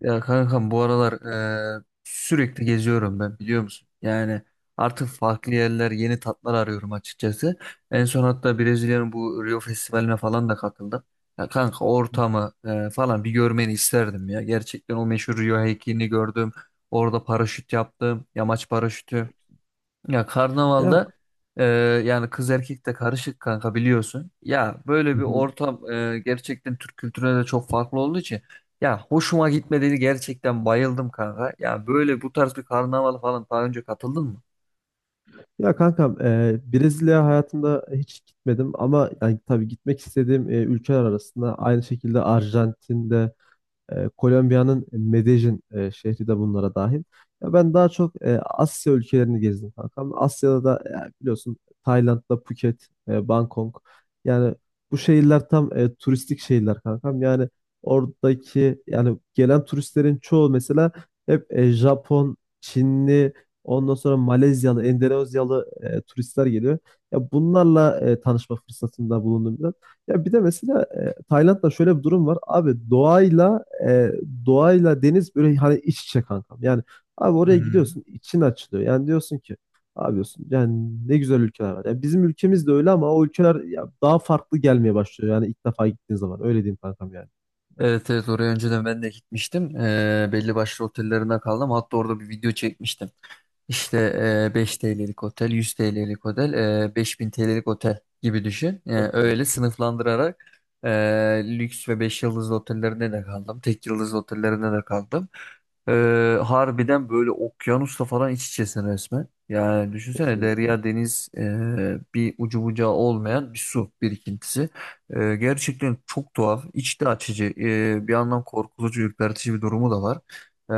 Ya kankam bu aralar sürekli geziyorum ben biliyor musun? Yani artık farklı yerler, yeni tatlar arıyorum açıkçası. En son hatta Brezilya'nın bu Rio Festivali'ne falan da katıldım. Ya kanka ortamı falan bir görmeni isterdim ya. Gerçekten o meşhur Rio heykelini gördüm. Orada paraşüt yaptım. Yamaç paraşütü. Ya Ya. karnavalda e, yani kız erkek de karışık kanka biliyorsun. Ya Hı böyle bir hı. ortam gerçekten Türk kültürüne de çok farklı olduğu için ya hoşuma gitmedi gerçekten bayıldım kanka. Ya böyle bu tarz bir karnaval falan daha önce katıldın mı? Ya kankam, Brezilya hayatımda hiç gitmedim, ama yani tabii gitmek istediğim ülkeler arasında aynı şekilde Arjantin'de. Kolombiya'nın Medellin şehri de bunlara dahil. Ya ben daha çok Asya ülkelerini gezdim kankam. Asya'da da biliyorsun, Tayland'da Phuket, Bangkok. Yani bu şehirler tam turistik şehirler kankam. Yani oradaki, yani gelen turistlerin çoğu mesela hep Japon, Çinli, ondan sonra Malezyalı, Endonezyalı turistler geliyor. Ya bunlarla tanışma fırsatında bulundum biraz. Ya bir de mesela Tayland'da şöyle bir durum var. Abi doğayla deniz böyle hani iç içe kankam. Yani abi oraya Hmm. gidiyorsun, için açılıyor. Yani diyorsun ki abi, diyorsun yani ne güzel ülkeler var. Yani bizim ülkemiz de öyle, ama o ülkeler ya, daha farklı gelmeye başlıyor. Yani ilk defa gittiğin zaman öyle diyeyim kankam yani. Evet, evet, oraya önceden ben de gitmiştim. Belli başlı otellerinden kaldım. Hatta orada bir video çekmiştim. İşte 5 TL'lik otel, 100 TL'lik otel, 5.000 TL'lik otel gibi düşün. E, Çok güzel. öyle sınıflandırarak e, lüks ve 5 yıldızlı otellerinde de kaldım. Tek yıldızlı otellerinde de kaldım. E, harbiden böyle okyanusla falan iç içesin resmen. Yani düşünsene Kesinlikle. derya deniz, bir ucu bucağı olmayan bir su birikintisi. Gerçekten çok tuhaf, içli açıcı, bir yandan korkutucu, ürpertici bir durumu da var. Ee,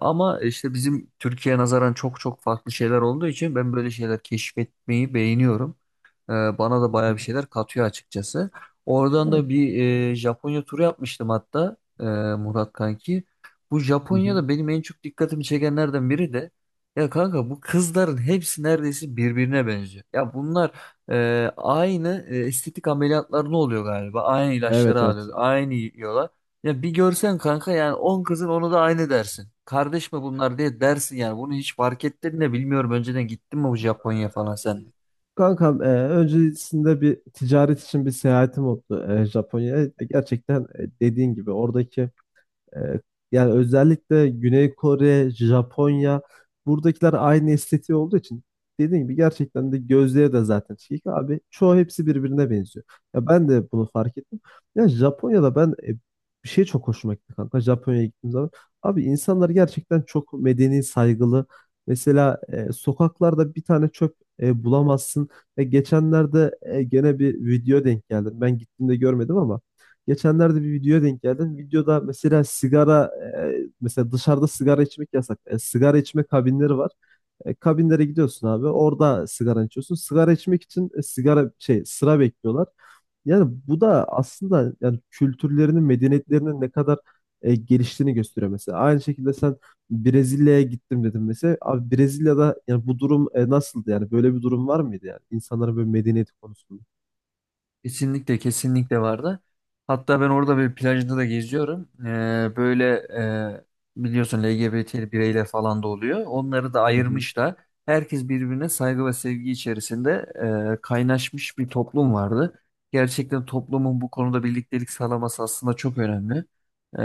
Ama işte bizim Türkiye'ye nazaran çok çok farklı şeyler olduğu için ben böyle şeyler keşfetmeyi beğeniyorum. Bana da Hı baya bir hı. şeyler katıyor açıkçası. Oradan da Yani, bir Japonya turu yapmıştım hatta, Murat kanki. Bu hı hı. Japonya'da benim en çok dikkatimi çekenlerden biri de ya kanka bu kızların hepsi neredeyse birbirine benziyor. Ya bunlar aynı estetik ameliyatları ne oluyor galiba? Aynı Evet, ilaçları evet. alıyor, aynı yiyorlar. Ya bir görsen kanka, yani 10 kızın onu da aynı dersin. Kardeş mi bunlar diye dersin yani. Bunu hiç fark ettin de bilmiyorum, önceden gittin mi bu Japonya falan sen? Kankam, öncesinde bir ticaret için bir seyahatim oldu, Japonya'ya. Gerçekten dediğin gibi oradaki... Ee, Yani özellikle Güney Kore, Japonya, buradakiler aynı estetiği olduğu için, dediğim gibi, gerçekten de gözleri de zaten çekik abi. Çoğu, hepsi birbirine benziyor. Ya ben de bunu fark ettim. Ya Japonya'da ben, bir şey çok hoşuma gitti kanka. Japonya'ya gittiğim zaman, abi, insanlar gerçekten çok medeni, saygılı. Mesela sokaklarda bir tane çöp bulamazsın. Geçenlerde gene bir video denk geldim. Ben gittiğimde görmedim, ama geçenlerde bir videoya denk geldim. Videoda mesela sigara, mesela dışarıda sigara içmek yasak. Sigara içme kabinleri var. Kabinlere gidiyorsun abi. Orada sigara içiyorsun. Sigara içmek için sigara şey sıra bekliyorlar. Yani bu da aslında yani kültürlerinin, medeniyetlerinin ne kadar geliştiğini gösteriyor mesela. Aynı şekilde sen, Brezilya'ya gittim dedim mesela. Abi Brezilya'da yani bu durum nasıldı yani? Böyle bir durum var mıydı yani? İnsanların böyle medeniyeti konusunda. Kesinlikle, kesinlikle vardı. Hatta ben orada bir plajda da geziyorum. Böyle e, biliyorsun LGBT bireyler falan da oluyor. Onları da Hı ayırmışlar. Herkes birbirine saygı ve sevgi içerisinde kaynaşmış bir toplum vardı. Gerçekten toplumun bu konuda birliktelik sağlaması aslında çok önemli. Ee,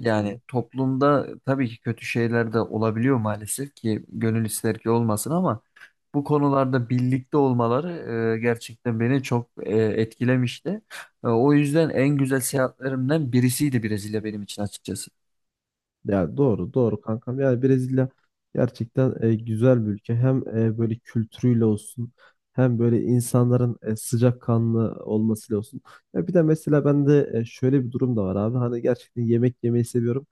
Yani hı. toplumda tabii ki kötü şeyler de olabiliyor, maalesef ki gönül ister ki olmasın, ama bu konularda birlikte olmaları gerçekten beni çok etkilemişti. O yüzden en güzel seyahatlerimden birisiydi Brezilya benim için açıkçası. Ya, doğru doğru kankam. Yani Brezilya gerçekten güzel bir ülke. Hem böyle kültürüyle olsun, hem böyle insanların sıcakkanlı olmasıyla olsun. Ya bir de mesela bende şöyle bir durum da var abi. Hani gerçekten yemek yemeyi seviyorum.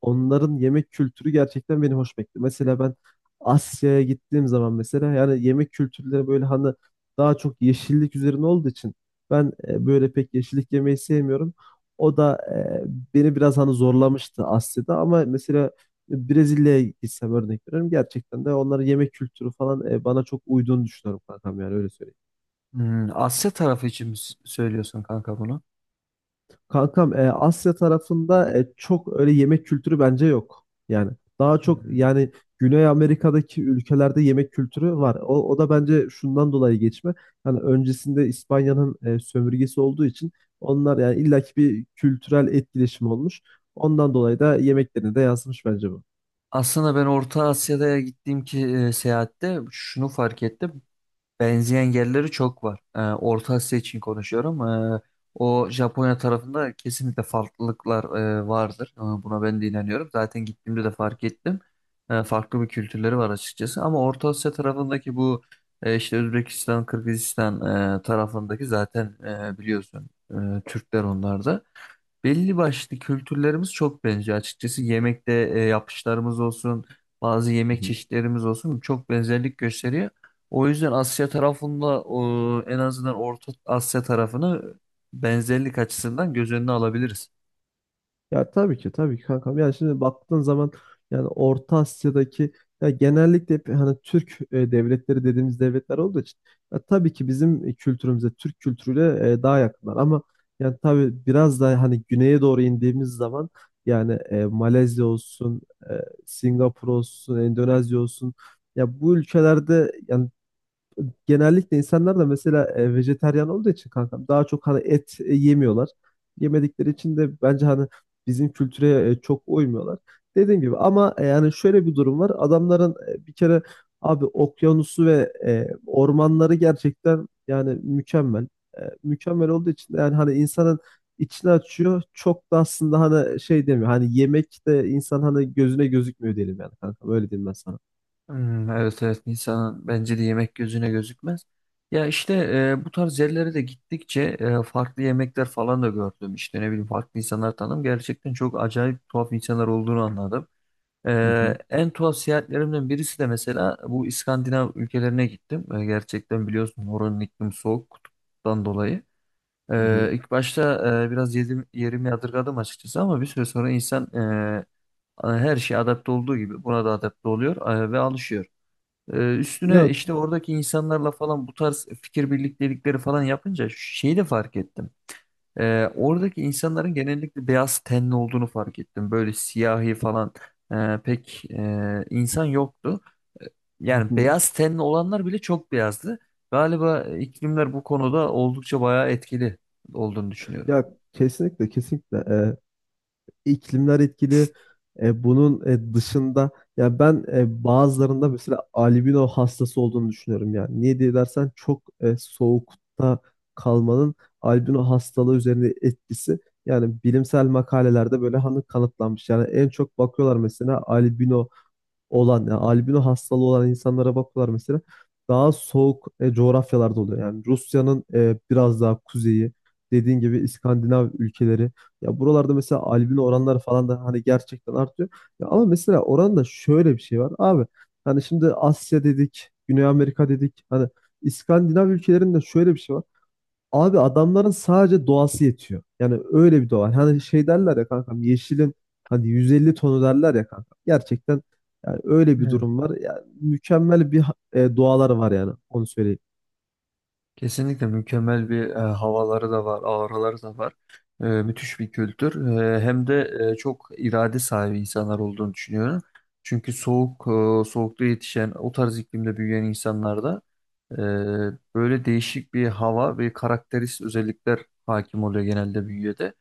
Onların yemek kültürü gerçekten beni hoş bekliyor. Mesela ben Asya'ya gittiğim zaman, mesela yani yemek kültürleri böyle hani daha çok yeşillik üzerine olduğu için, ben böyle pek yeşillik yemeyi sevmiyorum. O da beni biraz hani zorlamıştı Asya'da, ama mesela Brezilya'ya gitsem, örnek veriyorum, gerçekten de onların yemek kültürü falan bana çok uyduğunu düşünüyorum kankam, yani öyle söyleyeyim. Hmm, Asya tarafı için mi söylüyorsun kanka bunu? Kankam, Asya tarafında çok öyle yemek kültürü bence yok. Yani daha çok Hmm. yani Güney Amerika'daki ülkelerde yemek kültürü var. O da bence şundan dolayı geçme. Hani öncesinde İspanya'nın sömürgesi olduğu için, onlar yani illaki bir kültürel etkileşim olmuş. Ondan dolayı da yemeklerine de yansımış bence bu. Aslında ben Orta Asya'da gittiğim ki seyahatte şunu fark ettim. Benzeyen yerleri çok var. Orta Asya için konuşuyorum. O Japonya tarafında kesinlikle farklılıklar vardır. Buna ben de inanıyorum. Zaten gittiğimde de fark ettim. Farklı bir kültürleri var açıkçası. Ama Orta Asya tarafındaki bu işte Özbekistan, Kırgızistan tarafındaki zaten biliyorsun Türkler onlar da. Belli başlı kültürlerimiz çok benziyor. Açıkçası yemekte yapışlarımız olsun, bazı yemek çeşitlerimiz olsun çok benzerlik gösteriyor. O yüzden Asya tarafında, o, en azından Orta Asya tarafını benzerlik açısından göz önüne alabiliriz. Ya tabii ki, tabii ki kankam. Yani şimdi baktığın zaman, yani Orta Asya'daki, ya genellikle hep hani Türk devletleri dediğimiz devletler olduğu için, ya tabii ki bizim kültürümüze, Türk kültürüyle daha yakınlar, ama yani tabii biraz daha hani güneye doğru indiğimiz zaman, yani Malezya olsun, e, Singapur olsun, Endonezya olsun, ya bu ülkelerde yani genellikle insanlar da mesela vejetaryen olduğu için kankam, daha çok hani et yemiyorlar. Yemedikleri için de bence hani bizim kültüre çok uymuyorlar. Dediğim gibi, ama yani şöyle bir durum var. Adamların bir kere abi okyanusu ve ormanları gerçekten yani mükemmel. Mükemmel olduğu için de yani hani insanın içini açıyor. Çok da aslında hani şey demiyor. Hani yemek de insan hani gözüne gözükmüyor diyelim, yani kankam. Öyle diyeyim ben sana. Hmm, evet, evet, insanın bence de yemek gözüne gözükmez. Ya işte bu tarz yerlere de gittikçe farklı yemekler falan da gördüm. İşte ne bileyim farklı insanlar tanıdım. Gerçekten çok acayip tuhaf insanlar olduğunu anladım. Hı hı. En tuhaf seyahatlerimden birisi de mesela bu İskandinav ülkelerine gittim. Gerçekten biliyorsun oranın iklimi soğuk kutuptan dolayı. Hı hı. İlk başta biraz yedim, yerimi yadırgadım açıkçası, ama bir süre sonra insan her şeye adapte olduğu gibi buna da adapte oluyor ve alışıyor. Üstüne Ya, işte oradaki insanlarla falan bu tarz fikir birliktelikleri falan yapınca şeyi de fark ettim. Oradaki insanların genellikle beyaz tenli olduğunu fark ettim. Böyle siyahi falan pek insan yoktu. E, hı Yani hı. beyaz tenli olanlar bile çok beyazdı. Galiba iklimler bu konuda oldukça bayağı etkili olduğunu düşünüyorum. Ya kesinlikle, kesinlikle. İklimler etkili. Bunun dışında, ya ben bazılarında mesela albino hastası olduğunu düşünüyorum. Yani niye diye dersen, çok soğukta kalmanın albino hastalığı üzerinde etkisi, yani bilimsel makalelerde böyle hani kanıtlanmış. Yani en çok bakıyorlar mesela, albino olan, yani albino hastalığı olan insanlara bakıyorlar mesela. Daha soğuk coğrafyalarda oluyor. Yani Rusya'nın biraz daha kuzeyi, dediğin gibi İskandinav ülkeleri. Ya buralarda mesela albino oranları falan da hani gerçekten artıyor. Ya ama mesela oranda şöyle bir şey var abi. Hani şimdi Asya dedik, Güney Amerika dedik. Hani İskandinav ülkelerinde şöyle bir şey var. Abi, adamların sadece doğası yetiyor. Yani öyle bir doğa. Hani şey derler ya kankam, yeşilin hani 150 tonu derler ya kankam. Gerçekten yani öyle bir Evet. durum var. Yani mükemmel bir doğaları var, yani onu söyleyeyim. Kesinlikle mükemmel bir havaları da var, ağrıları da var. Müthiş bir kültür. Hem de çok irade sahibi insanlar olduğunu düşünüyorum. Çünkü soğuk, soğukta yetişen, o tarz iklimde büyüyen insanlarda böyle değişik bir hava ve karakterist özellikler hakim oluyor genelde bünyede.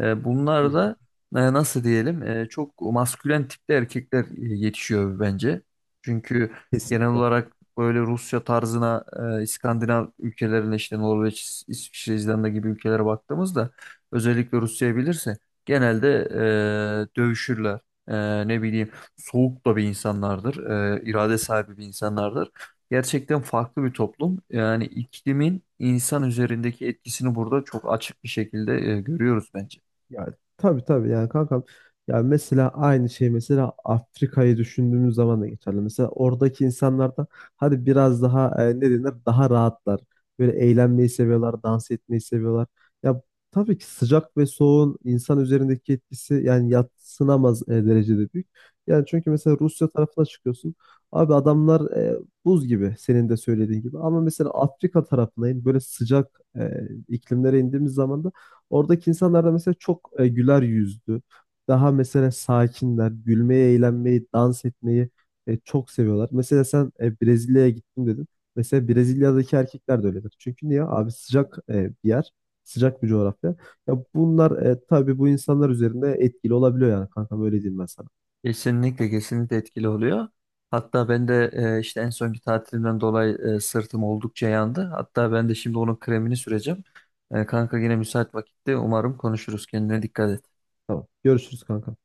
Bunlar da nasıl diyelim, çok maskülen tipte erkekler yetişiyor bence. Çünkü Hı. genel olarak böyle Rusya tarzına, İskandinav ülkelerine, işte Norveç, İsviçre, İzlanda gibi ülkelere baktığımızda, özellikle Rusya'yı bilirse genelde dövüşürler. Ne bileyim, soğuk da bir insanlardır. E, irade sahibi bir insanlardır. Gerçekten farklı bir toplum. Yani iklimin insan üzerindeki etkisini burada çok açık bir şekilde görüyoruz bence. Ya tabii, tabii yani kankam. Ya mesela aynı şey, mesela Afrika'yı düşündüğümüz zaman da geçerli. Mesela oradaki insanlar da hadi biraz daha ne denir, daha rahatlar. Böyle eğlenmeyi seviyorlar, dans etmeyi seviyorlar. Ya tabii ki sıcak ve soğuğun insan üzerindeki etkisi yani yadsınamaz derecede büyük. Yani çünkü mesela Rusya tarafına çıkıyorsun. Abi adamlar buz gibi, senin de söylediğin gibi. Ama mesela Afrika tarafına in, böyle sıcak iklimlere indiğimiz zaman da, oradaki insanlar da mesela çok güler yüzlü. Daha mesela sakinler, gülmeyi, eğlenmeyi, dans etmeyi çok seviyorlar. Mesela sen Brezilya'ya gittim dedin. Mesela Brezilya'daki erkekler de öyledir. Çünkü niye? Abi sıcak bir yer, sıcak bir coğrafya. Ya bunlar tabii bu insanlar üzerinde etkili olabiliyor, yani kankam, öyle diyeyim ben sana. Kesinlikle, kesinlikle etkili oluyor. Hatta ben de işte en sonki tatilimden dolayı sırtım oldukça yandı. Hatta ben de şimdi onun kremini süreceğim. Kanka yine müsait vakitte umarım konuşuruz. Kendine dikkat et. Tamam. Görüşürüz kankam.